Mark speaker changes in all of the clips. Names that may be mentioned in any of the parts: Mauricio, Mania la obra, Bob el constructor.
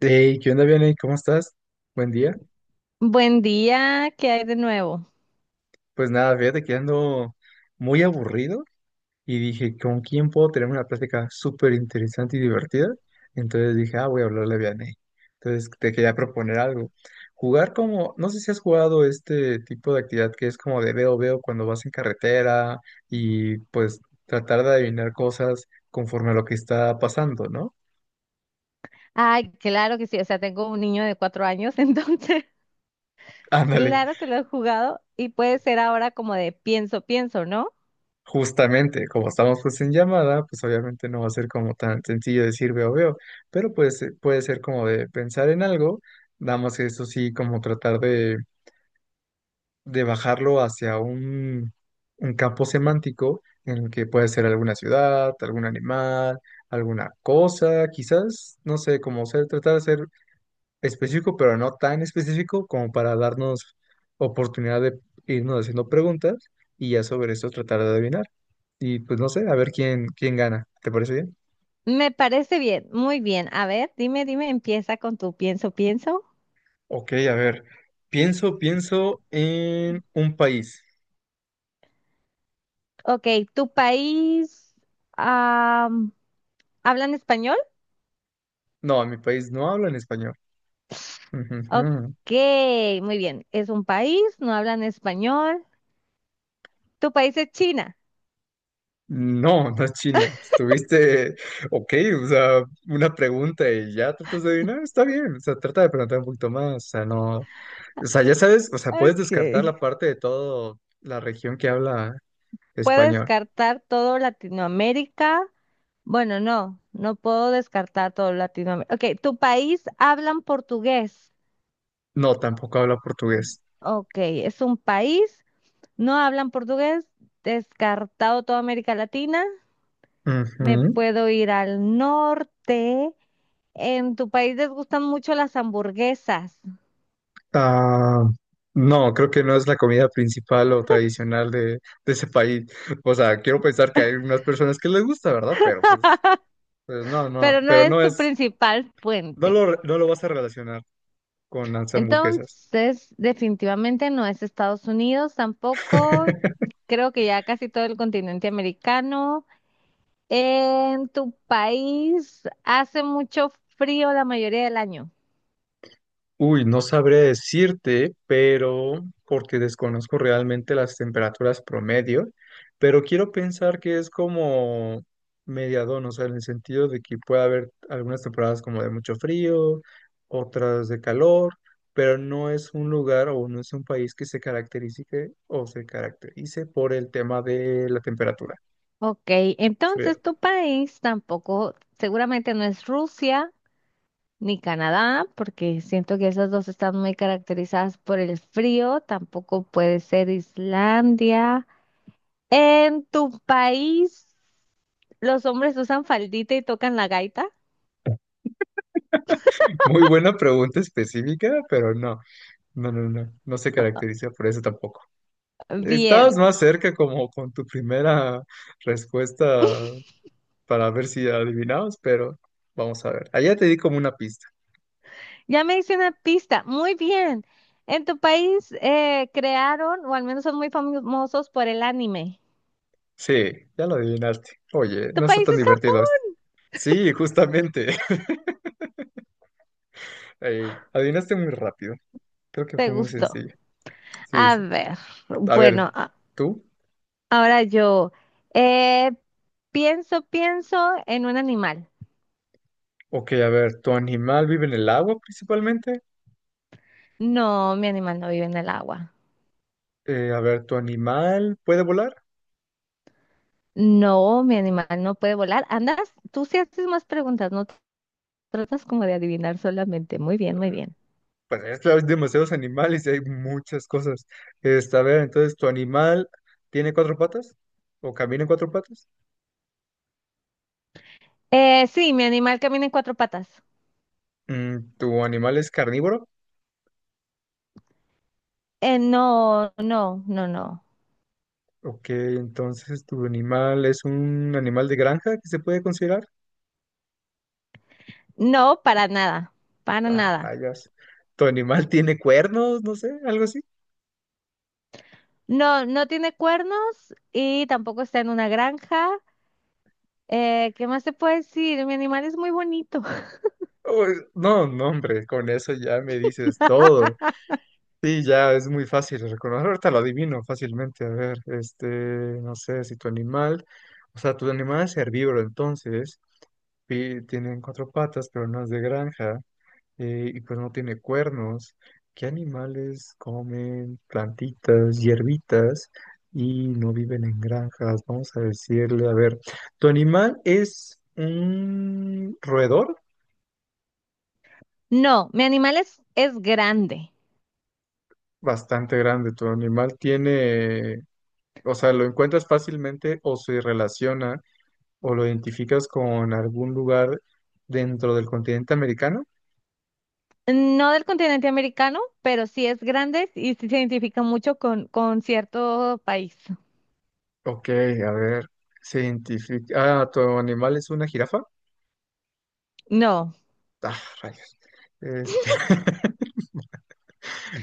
Speaker 1: Hey, ¿qué onda, Vianey? ¿Cómo estás? Buen día.
Speaker 2: Buen día, ¿qué hay de nuevo?
Speaker 1: Pues nada, fíjate que ando muy aburrido y dije, ¿con quién puedo tener una plática súper interesante y divertida? Entonces dije, ah, voy a hablarle a Vianey. Entonces te quería proponer algo. Jugar como, no sé si has jugado este tipo de actividad que es como de veo, veo cuando vas en carretera y pues tratar de adivinar cosas conforme a lo que está pasando, ¿no?
Speaker 2: Ay, claro que sí, o sea, tengo un niño de 4 años, entonces,
Speaker 1: Ándale.
Speaker 2: claro que lo he jugado y puede ser ahora como de pienso, pienso, ¿no?
Speaker 1: Justamente, como estamos pues en llamada, pues obviamente no va a ser como tan sencillo decir veo, veo, pero pues puede ser como de pensar en algo, nada más que eso sí, como tratar de bajarlo hacia un campo semántico en el que puede ser alguna ciudad, algún animal, alguna cosa, quizás, no sé, como ser, tratar de ser específico, pero no tan específico como para darnos oportunidad de irnos haciendo preguntas y ya sobre esto tratar de adivinar. Y pues no sé, a ver quién, quién gana. ¿Te parece bien?
Speaker 2: Me parece bien, muy bien. A ver, dime, dime, empieza con tu pienso, pienso.
Speaker 1: Ok, a ver, pienso, pienso en un país.
Speaker 2: Ok, ¿tu país am, hablan español?
Speaker 1: No, en mi país no hablan español.
Speaker 2: Ok,
Speaker 1: Ujujú.
Speaker 2: muy bien, es un país, no hablan español. ¿Tu país es China?
Speaker 1: No, no es China. Estuviste, ok, o sea, una pregunta y ya tratas de adivinar, está bien, o sea, trata de preguntar un poquito más, o sea, no. O sea, ya sabes, o sea, puedes
Speaker 2: Ok.
Speaker 1: descartar la parte de toda la región que habla
Speaker 2: Puedo
Speaker 1: español.
Speaker 2: descartar todo Latinoamérica. Bueno, no, no puedo descartar todo Latinoamérica. Ok, ¿tu país hablan portugués?
Speaker 1: No, tampoco habla portugués.
Speaker 2: Ok, es un país, no hablan portugués, descartado toda América Latina. Me
Speaker 1: Ujú.
Speaker 2: puedo ir al norte. En tu país les gustan mucho las hamburguesas,
Speaker 1: Ah, no, creo que no es la comida principal o tradicional de ese país. O sea, quiero pensar que hay unas personas que les gusta, ¿verdad? Pero pues, pues no, no,
Speaker 2: pero no
Speaker 1: pero
Speaker 2: es
Speaker 1: no
Speaker 2: tu
Speaker 1: es,
Speaker 2: principal fuente.
Speaker 1: no lo vas a relacionar con las hamburguesas.
Speaker 2: Entonces, definitivamente no es Estados Unidos tampoco. Creo que ya casi todo el continente americano. En tu país hace mucho frío la mayoría del año.
Speaker 1: Uy, no sabré decirte, pero porque desconozco realmente las temperaturas promedio, pero quiero pensar que es como mediadón, o sea, en el sentido de que puede haber algunas temporadas como de mucho frío, otras de calor, pero no es un lugar o no es un país que se caracterice o se caracterice por el tema de la temperatura
Speaker 2: Ok,
Speaker 1: fría.
Speaker 2: entonces tu país tampoco, seguramente no es Rusia ni Canadá, porque siento que esas dos están muy caracterizadas por el frío. Tampoco puede ser Islandia. En tu país, los hombres usan faldita y tocan la gaita.
Speaker 1: Muy buena pregunta específica, pero no, no, no, no, no se caracteriza por eso tampoco.
Speaker 2: Bien,
Speaker 1: Estabas más cerca como con tu primera respuesta para ver si adivinabas, pero vamos a ver. Allá te di como una pista.
Speaker 2: ya me hice una pista. Muy bien. En tu país crearon, o al menos son muy famosos por el anime.
Speaker 1: Sí, ya lo adivinaste. Oye,
Speaker 2: ¿Tu
Speaker 1: no está
Speaker 2: país
Speaker 1: tan
Speaker 2: es Japón?
Speaker 1: divertido esto. Sí, justamente. Ey, adivinaste muy rápido. Creo que
Speaker 2: ¿Te
Speaker 1: fue muy
Speaker 2: gustó?
Speaker 1: sencillo. Sí,
Speaker 2: A
Speaker 1: sí.
Speaker 2: ver,
Speaker 1: A
Speaker 2: bueno,
Speaker 1: ver, ¿tú?
Speaker 2: ahora yo eh, pienso, pienso en un animal.
Speaker 1: Ok, a ver, ¿tu animal vive en el agua principalmente?
Speaker 2: No, mi animal no vive en el agua.
Speaker 1: A ver, ¿tu animal puede volar?
Speaker 2: No, mi animal no puede volar. Andas, tú sí haces más preguntas, no tratas como de adivinar solamente. Muy bien, muy bien.
Speaker 1: Pues es que hay demasiados animales y hay muchas cosas. Esta, a ver, entonces, ¿tu animal tiene cuatro patas? ¿O camina en cuatro patas?
Speaker 2: Sí, mi animal camina en 4 patas.
Speaker 1: Mm, ¿tu animal es carnívoro?
Speaker 2: No, no, no, no.
Speaker 1: Ok, entonces, ¿tu animal es un animal de granja que se puede considerar?
Speaker 2: No, para nada, para
Speaker 1: Ah,
Speaker 2: nada.
Speaker 1: rayas. ¿Tu animal tiene cuernos? No sé, algo así.
Speaker 2: No, no tiene cuernos y tampoco está en una granja. ¿Qué más te puedo decir? Mi animal es muy bonito.
Speaker 1: Oh, no, no, hombre, con eso ya me dices todo. Sí, ya es muy fácil de reconocer. Ahorita lo adivino fácilmente. A ver, este, no sé si tu animal, o sea, tu animal es herbívoro, entonces, y tienen cuatro patas, pero no es de granja, y pues no tiene cuernos. ¿Qué animales comen plantitas, hierbitas y no viven en granjas? Vamos a decirle, a ver, tu animal es un roedor
Speaker 2: No, mi animal es grande.
Speaker 1: bastante grande. Tu animal tiene o sea, lo encuentras fácilmente o se relaciona o lo identificas con algún lugar dentro del continente americano.
Speaker 2: No del continente americano, pero sí es grande y sí se identifica mucho con cierto país.
Speaker 1: Ok, a ver, se identifica. Ah, tu animal es una jirafa.
Speaker 2: No.
Speaker 1: Ah, rayos. Este,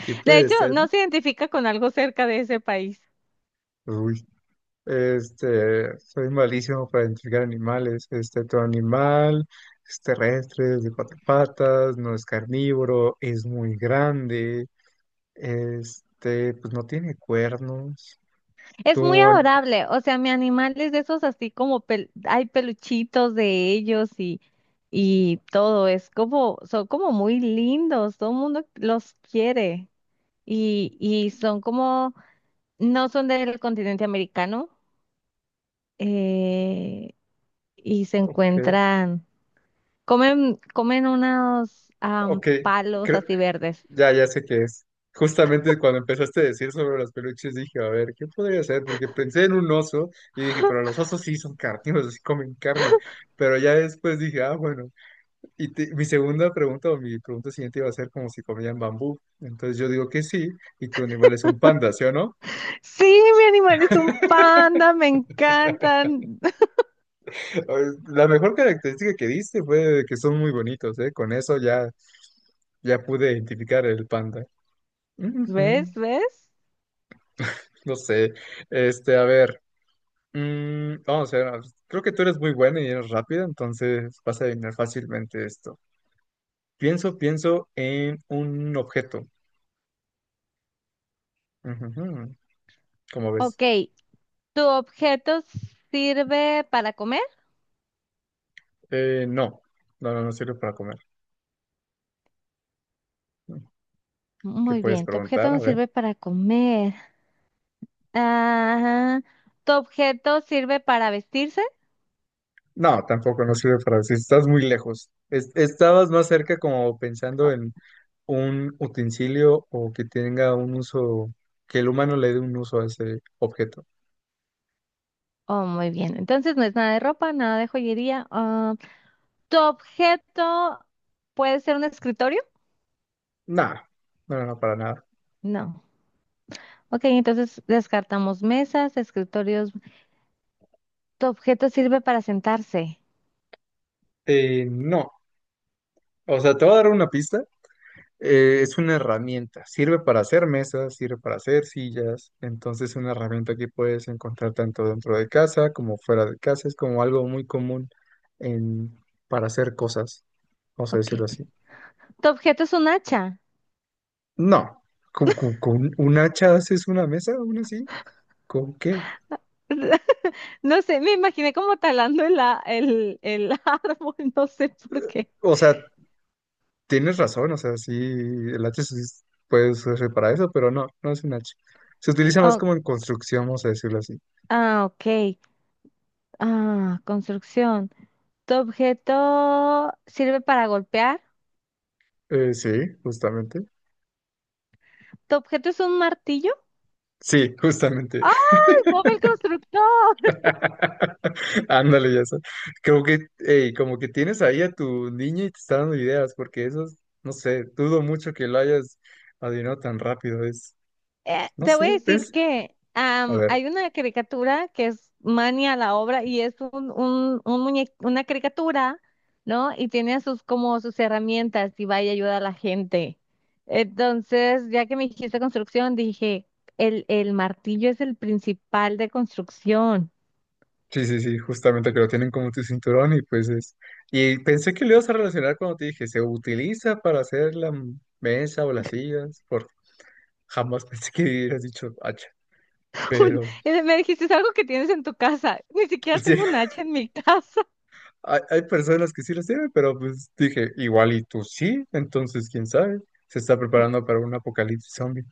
Speaker 1: ¿qué
Speaker 2: De
Speaker 1: puede
Speaker 2: hecho,
Speaker 1: ser?
Speaker 2: no se identifica con algo cerca de ese país.
Speaker 1: Uy, este, soy malísimo para identificar animales. Este, tu animal es terrestre, es de cuatro patas, no es carnívoro, es muy grande. Este, pues no tiene cuernos.
Speaker 2: Es
Speaker 1: Tu,
Speaker 2: muy adorable, o sea, mi animal es de esos así como hay peluchitos de ellos y todo, es como, son como muy lindos, todo el mundo los quiere y son como, no son del continente americano eh, y se
Speaker 1: Ok,
Speaker 2: encuentran, comen, comen unos
Speaker 1: ok,
Speaker 2: palos
Speaker 1: creo-
Speaker 2: así verdes.
Speaker 1: ya, ya sé qué es. Justamente cuando empezaste a decir sobre los peluches dije, a ver, ¿qué podría ser? Porque pensé en un oso y dije, pero los osos sí son carnívoros, sí comen carne. Pero ya después dije, ah, bueno. Y te- mi segunda pregunta o mi pregunta siguiente iba a ser como si comían bambú. Entonces yo digo que sí, y tu animal es un panda, ¿sí o no?
Speaker 2: Sí, mi animal es un panda, me encantan.
Speaker 1: La mejor característica que diste fue que son muy bonitos, ¿eh? Con eso ya, ya pude identificar el panda. Ujú.
Speaker 2: ¿Ves? ¿Ves?
Speaker 1: No sé. Este, a ver. Mm, vamos a ver. Creo que tú eres muy bueno y eres rápido, entonces vas a adivinar fácilmente esto. Pienso, pienso en un objeto. Ujujú, ¿cómo ves?
Speaker 2: Ok, ¿tu objeto sirve para comer?
Speaker 1: No. No, no, no sirve para comer. ¿Qué
Speaker 2: Muy
Speaker 1: puedes
Speaker 2: bien, tu objeto
Speaker 1: preguntar? A
Speaker 2: no
Speaker 1: ver.
Speaker 2: sirve para comer. Ajá. ¿Tu objeto sirve para vestirse?
Speaker 1: No, tampoco no sirve para decir. Estás muy lejos. Es- estabas más cerca como pensando
Speaker 2: Oh,
Speaker 1: en un utensilio o que tenga un uso, que el humano le dé un uso a ese objeto.
Speaker 2: oh, muy bien. Entonces no es nada de ropa, nada de joyería. Ah, ¿tu objeto puede ser un escritorio?
Speaker 1: Nada. No, no, no, para nada.
Speaker 2: No. Ok, entonces descartamos mesas, escritorios. ¿Tu objeto sirve para sentarse?
Speaker 1: No, o sea, te voy a dar una pista. Es una herramienta, sirve para hacer mesas, sirve para hacer sillas, entonces es una herramienta que puedes encontrar tanto dentro de casa como fuera de casa, es como algo muy común en, para hacer cosas, vamos a decirlo
Speaker 2: Ok.
Speaker 1: así.
Speaker 2: ¿Tu objeto es un hacha?
Speaker 1: No, con un hacha haces una mesa aún así? ¿Con qué?
Speaker 2: No sé, me imaginé como talando el árbol, no sé por qué.
Speaker 1: O sea, tienes razón, o sea, sí, el hacha sí es- puede ser para eso, pero no, no es un hacha. Se utiliza más
Speaker 2: Oh,
Speaker 1: como en construcción, vamos a decirlo así.
Speaker 2: ah, ok. Ah, construcción. ¿Tu objeto sirve para golpear?
Speaker 1: Sí, justamente.
Speaker 2: ¿Tu objeto es un martillo?
Speaker 1: Sí, justamente.
Speaker 2: ¡Ay, Bob el constructor!
Speaker 1: Ándale, ya sé. Como que, ey, como que tienes ahí a tu niño y te está dando ideas, porque eso, es- no sé, dudo mucho que lo hayas adivinado tan rápido. Es, no
Speaker 2: Te voy a
Speaker 1: sé,
Speaker 2: decir
Speaker 1: pens-
Speaker 2: que
Speaker 1: A ver,
Speaker 2: hay una caricatura que es Mania la obra y es un una caricatura, ¿no? Y tiene a sus como sus herramientas y va y ayuda a la gente. Entonces, ya que me dijiste construcción, dije, el martillo es el principal de construcción.
Speaker 1: sí, sí, sí, justamente que lo tienen como tu cinturón y pues es. Y pensé que lo ibas a relacionar cuando te dije, se utiliza para hacer la m- mesa o las sillas, por jamás pensé que hubieras dicho hacha, pero
Speaker 2: Me dijiste, es algo que tienes en tu casa. Ni siquiera
Speaker 1: sí,
Speaker 2: tengo un hacha en mi casa.
Speaker 1: hay personas que sí las tienen, pero pues dije, igual y tú sí, entonces quién sabe, se está preparando para un apocalipsis zombie.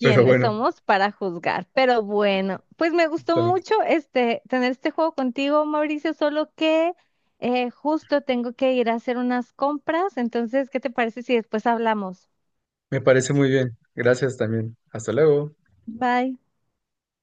Speaker 1: Pero
Speaker 2: ¿Quiénes
Speaker 1: bueno,
Speaker 2: somos para juzgar? Pero bueno, pues me gustó
Speaker 1: justamente.
Speaker 2: mucho este tener este juego contigo, Mauricio, solo que justo tengo que ir a hacer unas compras. Entonces, ¿qué te parece si después hablamos?
Speaker 1: Me parece muy bien. Gracias también. Hasta luego.
Speaker 2: Bye.